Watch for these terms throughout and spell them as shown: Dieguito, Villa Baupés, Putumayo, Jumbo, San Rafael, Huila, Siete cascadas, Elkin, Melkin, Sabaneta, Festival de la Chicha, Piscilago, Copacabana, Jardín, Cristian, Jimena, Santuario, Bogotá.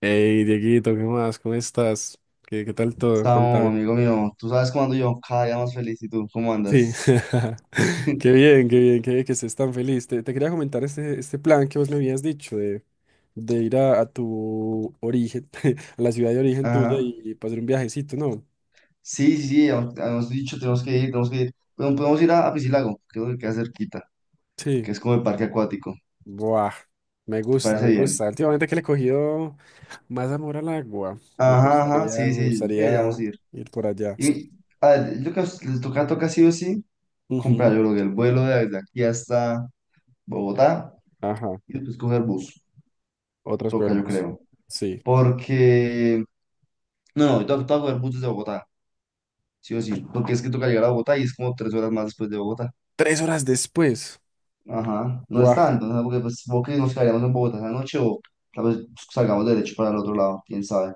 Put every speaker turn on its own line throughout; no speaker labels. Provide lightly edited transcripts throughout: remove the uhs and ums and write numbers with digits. Hey, Dieguito, ¿qué más? ¿Cómo estás? ¿Qué tal todo?
Estamos,
Contame.
amigo mío. Tú sabes cómo ando yo, cada día más feliz. ¿Y tú cómo
Sí,
andas?
qué bien, qué bien, qué bien que estés tan feliz. Te quería comentar este plan que vos me habías dicho de ir a tu origen, a la ciudad de origen tuya
Ajá.
y pasar un viajecito, ¿no?
Sí, sí, sí, habíamos dicho, tenemos que ir, tenemos que ir. Pero podemos ir a Piscilago, creo que queda cerquita,
Sí.
que es como el parque acuático.
Buah, me
¿Te
gusta,
parece
me
bien?
gusta. Últimamente que le he cogido más amor al agua.
Ajá, ajá, sí,
Me
sí, yo creo que deberíamos
gustaría
ir.
ir por allá.
Y a ver, yo creo que les toca, toca sí o sí comprar,
Ujú.
yo creo que el vuelo de aquí hasta Bogotá
Ajá,
y después coger bus.
otros
Toca, yo
cuervos.
creo.
Sí.
Porque no, no, toca, toca coger bus desde Bogotá. Sí o sí, porque es que toca llegar a Bogotá y es como tres horas más después de Bogotá.
Tres horas después.
Ajá, no es tanto, ¿no? Porque pues supongo que nos quedaríamos en Bogotá esa noche o tal vez pues salgamos derecho para el otro lado, quién sabe.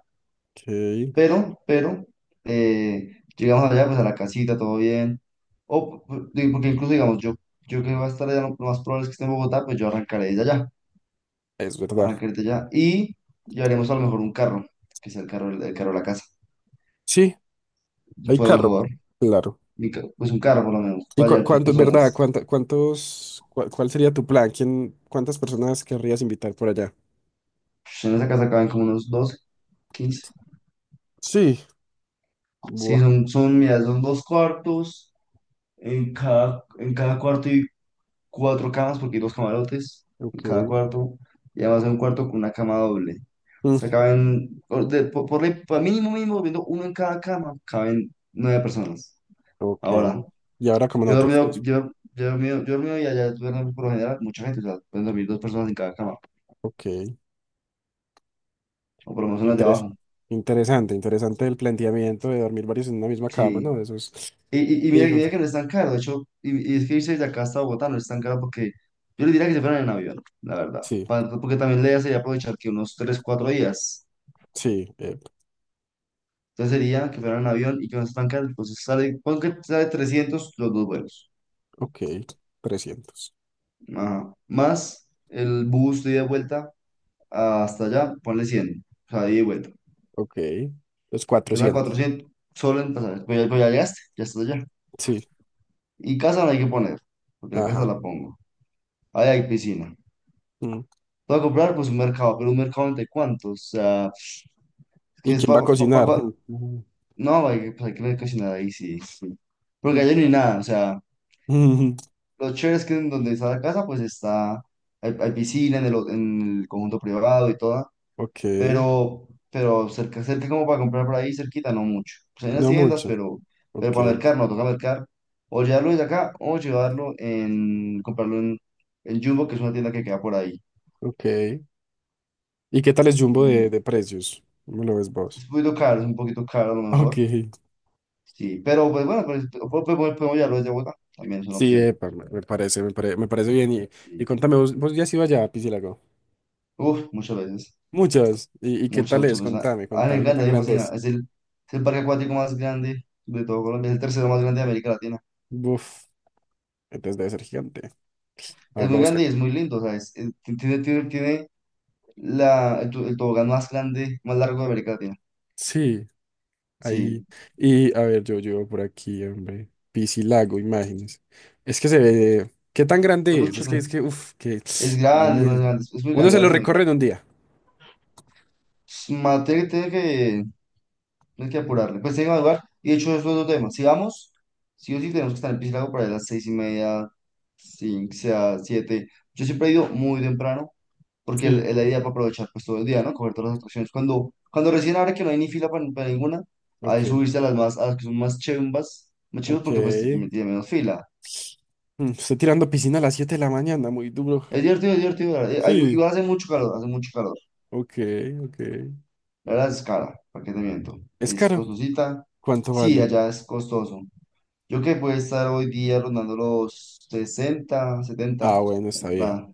Ok,
Pero, eh, llegamos allá pues a la casita, todo bien. O, digo, porque incluso digamos, yo que va a estar allá, lo más probable es que esté en Bogotá, pues yo
es verdad.
arrancaré desde allá y llevaremos a lo mejor un carro, que sea el carro, el carro de la casa.
Sí, hay
Fue lo
carro,
mejor,
claro.
pues un carro por lo menos,
¿Y
para
cu-
llevar tres
cuánto, verdad,
personas.
cuál sería tu plan? ¿Quién, cuántas personas querrías invitar por allá?
Pues, en esa casa caben como unos doce, quince.
Sí,
Sí,
buah,
mira, son dos cuartos. En cada cuarto hay cuatro camas, porque hay dos camarotes
ok.
en cada cuarto. Y además hay un cuarto con una cama doble. O
Mm,
sea, caben, por, por ley, por mínimo, mínimo, viendo uno en cada cama, caben nueve personas.
ok.
Ahora,
Y ahora como
yo he
nosotros que
dormido,
nos...
yo he dormido, yo he dormido y allá duermen por lo general mucha gente, o sea, pueden dormir dos personas en cada cama,
Ok,
o por lo menos en las de
interes-
abajo.
interesante, interesante el planteamiento de dormir varios en una misma cama,
Sí.
¿no? Eso es...
Y, y mira,
Y
mira que no es tan caro, de hecho, y es que irse de acá hasta Bogotá no es tan caro porque yo le diría que se fueran en avión, la verdad,
Sí,
porque también le sería aprovechar que unos 3 4 días,
sí, eh,
entonces sería que fueran en avión y que no es tan caro, entonces sale, pon que sale 300 los dos vuelos.
ok, 300.
Ajá. Más el bus de ida y vuelta hasta allá, ponle cien, o sea, de ida y vuelta,
Ok, los
se va a
400.
400 solo en pasajes, pues ya llegaste, ya estás allá,
Sí,
y casa no hay que poner, porque la casa
ajá.
la pongo, ahí hay piscina.
Mm.
Voy a comprar pues un mercado, pero un mercado entre cuántos. O sea, que
¿Y
es
quién va a
para...
cocinar?
No, hay que, pues, hay que mercacionar ahí, sí, sí. Porque
Mm,
allá no hay nada, o sea,
mm, mm.
lo chévere es que en donde está la casa, pues está, hay piscina en el, en el conjunto privado y todo,
Ok,
pero cerca, cerca como para comprar por ahí, cerquita, no mucho. Pues hay unas
no
tiendas,
mucho.
pero
Ok,
para mercar, no, toca mercar, o llevarlo desde acá, o llevarlo en, comprarlo en Jumbo, que es una tienda que queda por ahí.
ok. ¿Y qué tal es Jumbo de,
Y
de precios? ¿Cómo lo ves
es
vos?
un poquito caro, es un poquito caro a lo
Ok,
mejor. Sí, pero pues bueno, pues, podemos llevarlo desde Bogotá, también es una
sí,
opción.
epa, me parece bien. Y
Sí.
contame, ¿vos ya has ido allá a Piscilago?
Uf, muchas veces,
Muchas. Y qué
muchas,
tal es?
muchas veces.
Contame,
A mí me
contame, ¿qué
encanta,
tan
a mí me
grande
fascina.
es?
Es el parque acuático más grande de todo Colombia, es el tercero más grande de América Latina.
Buf, entonces debe ser gigante. A
Es
ver, voy a
muy grande
buscar.
y es muy lindo, o sea, tiene, tiene, tiene la, el, el tobogán más grande, más largo de América Latina.
Sí. Ahí,
Sí,
y a ver, yo llevo por aquí, hombre. Piscilago, imágenes. Es que se ve. ¿Qué tan
es
grande es?
mucho,
Es que, uff, que
es
me da
grande, es más
miedo.
grande, es muy
Uno
grande,
se
la
lo
verdad, muy
recorre
grande.
en un día.
Es materia que tiene que... No hay que apurarle. Pues tengo que madrugar. Y de hecho, eso es otro tema. Si vamos, sí o sí tenemos que estar en Piscilago por ahí a las seis y media, cinco, sea, siete. Yo siempre he ido muy temprano, porque
Sí.
es la idea para aprovechar pues todo el día, ¿no? Coger todas las atracciones. Cuando recién ahora que no hay ni fila para ninguna,
Ok,
hay subirse a las más, a las que son más chimbas, más chivas, porque pues
ok.
tiene menos fila.
Mm, estoy tirando piscina a las 7 de la mañana, muy duro.
Es divertido, es divertido, la verdad.
Sí,
Igual hace mucho calor, hace mucho calor.
ok, ok.
La verdad es cara, ¿para qué te miento?
¿Es
Es
caro?
costosita.
¿Cuánto
Sí,
vale?
allá es costoso. Yo que puede estar hoy día rondando los sesenta,
Ah,
70
bueno,
la
está bien,
entrada.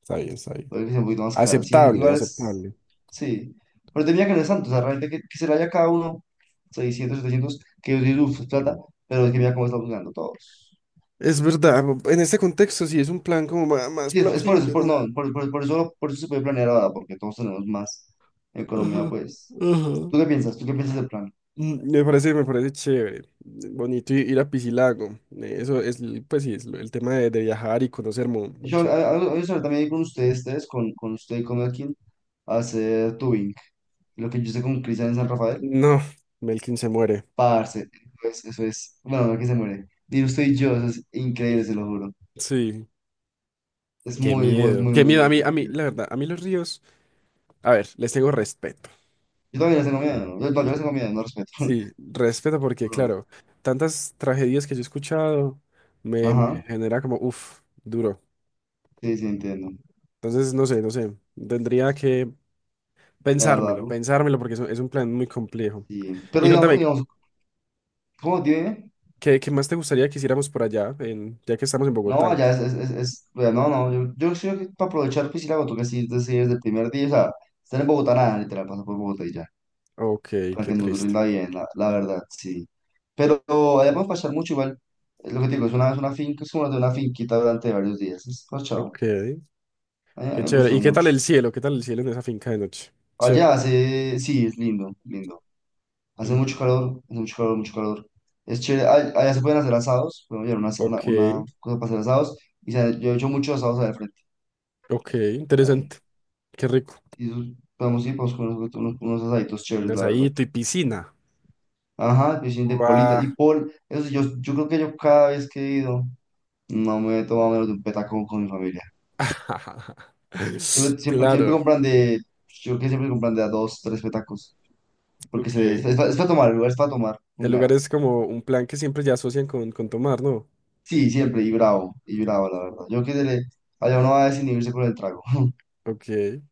está bien, está bien.
Puede que sea un poquito más cara. Sí,
Aceptable,
igual es.
aceptable.
Sí. Pero tenía que no es tanto. O sea, realmente que se vaya cada uno seiscientos, 700 que yo digo, uff, es plata. Pero es que mira cómo estamos ganando todos.
Es verdad, en este contexto sí es un plan como más
Sí, es por eso, es
plausible,
por,
¿no?
no, por eso se puede planear ahora, porque todos tenemos más economía,
Ajá,
pues.
ajá.
¿Tú qué piensas? ¿Tú qué piensas del plan?
Mm, me parece, me parece chévere, bonito ir a Piscilago. Eh, eso es, pues sí, es el tema de viajar y conocer muy muy,
Yo,
chévere.
también ir con ustedes, ustedes, con usted y con Elkin, a hacer tubing. Lo que yo hice con Cristian en San Rafael.
No, Melkin se muere.
Parce, pues, eso es, bueno, no que se muere. ¿Y usted y yo, eso es increíble, se lo juro.
Sí,
Es
qué
muy, muy,
miedo.
muy,
Qué
muy,
miedo. A
muy,
mí, a
muy
mí, la
divertido.
verdad, a mí los ríos, a ver, les tengo respeto.
Yo también les tengo miedo, ¿no? Yo, no, yo les tengo miedo, no respeto.
Sí, respeto porque,
Bro.
claro, tantas tragedias que yo he escuchado me
Ajá,
genera como, uff, duro.
sí, sí, entiendo.
Entonces, no sé, no sé. Tendría que pensármelo,
Evaluarlo,
pensármelo porque es un plan muy complejo.
sí. Pero
Y
digamos,
contame,
digamos, ¿cómo tiene?
¿qué más te gustaría que hiciéramos por allá, ya que estamos en
No,
Bogotá?
allá es, bueno, no, no, yo creo que para aprovechar piscina, tú que sí, es decir, desde el primer día, o sea, estar en Bogotá, nada, literal, pasa por Bogotá y ya.
Ok,
Para
qué
que nos
triste.
rinda bien, la verdad, sí. Pero además pasar mucho igual, es lo que te digo, es una finca, es como de una finquita durante varios días, es parchado,
Ok,
a mí
qué
me
chévere.
gustó
¿Y qué tal
mucho.
el cielo? ¿Qué tal el cielo en esa finca de noche? Chévere.
Allá hace, sí, es lindo, lindo,
Ujú.
hace mucho calor, es chévere. Allá se pueden hacer asados, podemos llevar una,
Ok,
una cosa para hacer asados, y yo he hecho muchos asados allá al frente,
ok,
ahí,
interesante. Qué rico.
sí, podemos ir, podemos comer unos, unos, unos asaditos
Un
chéveres, la verdad.
asadito y piscina.
Ajá, piscina de
Guau.
politas, y pol, eso sí, yo creo que yo cada vez que he ido... No me he tomado menos de un petaco con mi familia. Siempre, siempre, siempre
Claro,
compran de, yo que siempre compran de a dos, tres petacos, porque se,
ok.
es, para tomar, el lugar es para tomar con
El lugar es
ganas.
como un plan que siempre ya asocian con tomar, ¿no?
Sí, siempre, y bravo, la verdad. Yo que se le, allá uno va a desinhibirse con el trago.
Ok,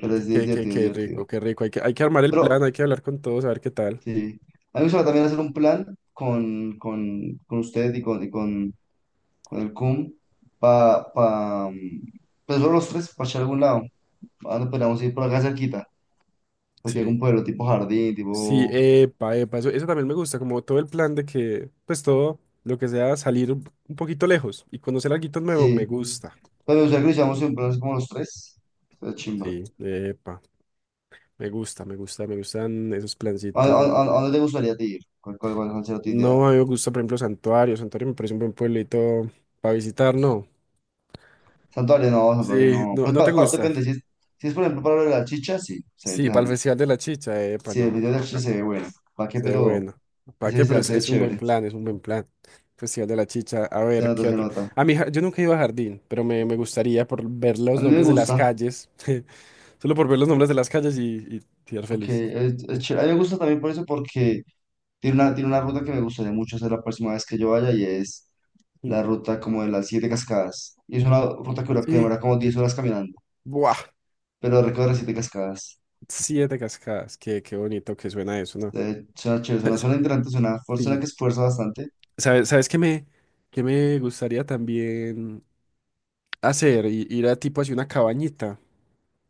Pero es divertido, es
qué rico,
divertido.
qué rico. Hay que armar el
Pero
plan, hay que hablar con todos, a ver qué tal.
sí, a mí me gustaría también hacer un plan con usted y con el CUM, para, pa, pa, pues solo los tres, para echar a algún lado. Ah, no, podríamos ir por acá cerquita, porque hay
Sí.
algún pueblo tipo jardín,
Sí,
tipo...
epa, epa, eso también me gusta, como todo el plan de que, pues todo lo que sea salir un poquito lejos y conocer algo nuevo, me
Sí,
gusta.
pero ya que lo hicimos siempre así como los tres, es chimba.
Sí, epa, me gusta, me gusta, me gustan esos plancitos.
A, a dónde te gustaría te ir? ¿Cuál, cuál, cuál sería tu idea?
No, a mí me gusta, por ejemplo, Santuario. Santuario me parece un buen pueblito para visitar, no.
Santuario no, santuario
Sí,
no.
no,
Pues
no te gusta.
depende, si es, si es por ejemplo para lo de la chicha, sí, sería
Sí, para el
interesante.
Festival de la Chicha, epa,
Si el
no,
video de la
no,
chicha se ve
no.
bueno, ¿para qué?
Sí,
Pero
bueno. ¿Para
ese
qué? Pero
festival se ve
es un buen
chévere,
plan, es un buen plan. Festival de la Chicha. A
se
ver,
nota,
¿qué
se
otro?
nota.
A mí, yo nunca he ido a Jardín, pero me gustaría por ver
A
los
mí me
nombres de las
gusta,
calles. Solo por ver los nombres de las calles y ser feliz.
porque es chévere. A mí me gusta también por eso, porque tiene una ruta que me gustaría mucho hacer la próxima vez que yo vaya y es
Mm.
la ruta como de las siete cascadas. Y es una ruta que que
Sí.
demora como 10 horas caminando.
Buah.
Pero recorre siete cascadas.
7 cascadas. Qué, qué bonito que suena eso, ¿no?
De chacho, es una zona interesante, es una zona
Sí.
que esfuerza bastante.
¿Sabes, sabes qué me gustaría también hacer? Ir a tipo así una cabañita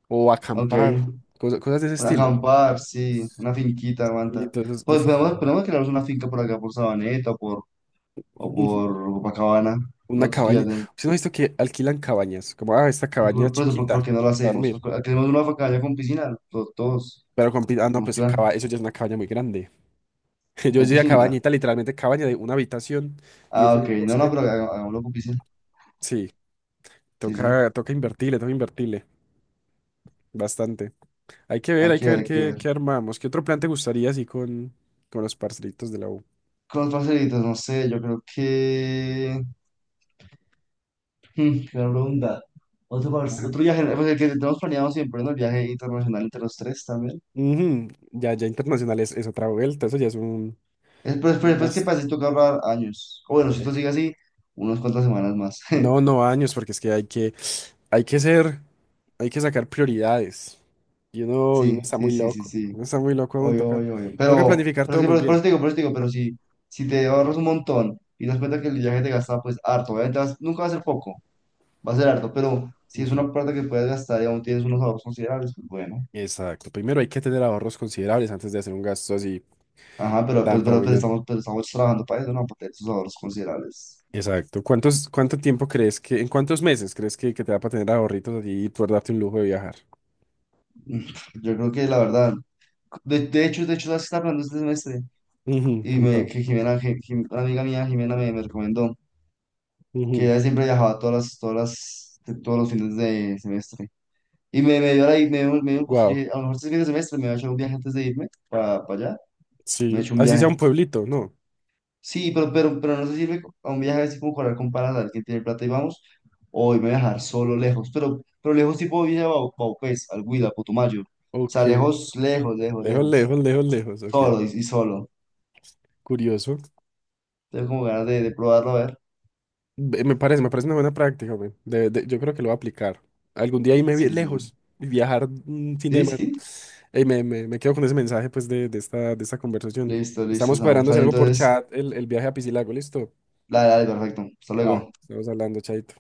o
Ok,
acampar, cosas de ese
un
estilo.
acampar, sí, una finquita,
Y
aguanta.
entonces,
Pues
uff.
podemos, podemos crearnos una finca por acá, por Sabaneta o por Copacabana.
Una
Nosotros que ya
cabaña.
tenemos.
¿Usted no ha visto que alquilan cabañas? Como, ah, esta
Por,
cabaña
por eso,
chiquita,
¿por qué no lo
a
hacemos?
dormir.
Queremos una cabaña con piscina, todos,
Pero con... Ah, no,
tenemos
pues que
plan,
eso ya es una cabaña muy grande. Yo
con
decía
piscinita.
cabañita, literalmente cabaña de una habitación y es
Ah,
en
ok,
el
no, no,
bosque.
pero hagámoslo con piscina.
Sí,
Sí, sí,
toca, toca invertirle, toca invertirle. Bastante.
hay
Hay
que
que
ver,
ver
hay que
qué, qué
ver.
armamos. ¿Qué otro plan te gustaría así con los parcelitos de la U?
Con los parcelitos, no sé, yo creo que. Mm, gran pregunta. Otro,
Ajá.
otro viaje, pues el que tenemos planeado siempre, ¿no? El viaje internacional entre los tres también.
Ujú, ya internacional es otra vuelta. Eso ya es
Es, pues,
un
pues, pues, que
gasto.
pasa si toca ahorrar años. O bueno, si esto sigue así, unas cuantas semanas más.
No, no años, porque es que hay que, hay que ser. Hay que sacar prioridades. Y uno
Sí,
está
sí,
muy
sí, sí,
loco.
sí.
Uno está muy loco aún,
Obvio,
toca,
obvio, obvio.
toca planificar
Pero
todo
sí,
muy
por
bien.
eso te digo, por eso te digo, pero si, si te ahorras un montón y das cuenta que el viaje te gasta, pues harto, obviamente nunca va a ser poco, va a ser harto, pero si es
Ujú,
una plata que puedes gastar y aún tienes unos ahorros considerables, pues bueno.
exacto. Primero hay que tener ahorros considerables antes de hacer un gasto así
Ajá,
no tan
pero, pues,
prominente.
estamos, pero estamos trabajando para eso, ¿no? Para tener esos ahorros considerables.
Exacto. ¿Cuánto tiempo crees que, en cuántos meses crees que te va para tener ahorritos allí y poder darte un lujo de viajar?
Mm, yo creo que la verdad, de hecho, las está hablando este semestre
Ujú,
y me,
contame.
que Jimena, una amiga mía, Jimena, me recomendó que ella siempre viajaba todas las, todos los fines de semestre. Y me dio la, me, me dio un gusto, yo
Wow.
dije, a lo mejor este fin de semestre me voy a echar un viaje antes de irme para allá, me he
Sí.
hecho un
Así sea un
viaje.
pueblito, ¿no?
Sí, pero no se sirve a un viaje así como para con panas, a ver quién tiene plata y vamos, o irme a viajar solo lejos, pero lejos tipo Baupés, al Huila, Putumayo, o sea,
Ok.
lejos, lejos, lejos,
Lejos,
lejos,
lejos, lejos, lejos. Ok.
solo y solo.
Curioso.
Tengo como ganas de probarlo, a ver.
Me parece una buena práctica, güey. Yo creo que lo voy a aplicar. Algún día irme
Sí, sí.
lejos y viajar mm, fin de
Sí,
semana.
sí.
Ey, me quedo con ese mensaje, pues, de esta conversación.
Listo, listo,
Estamos
Samu.
cuadrando,
Está
si
bien,
algo por
entonces,
chat, el viaje a Piscilago, ¿listo?
dale, dale, perfecto. Hasta
Va,
luego.
estamos hablando, chaito.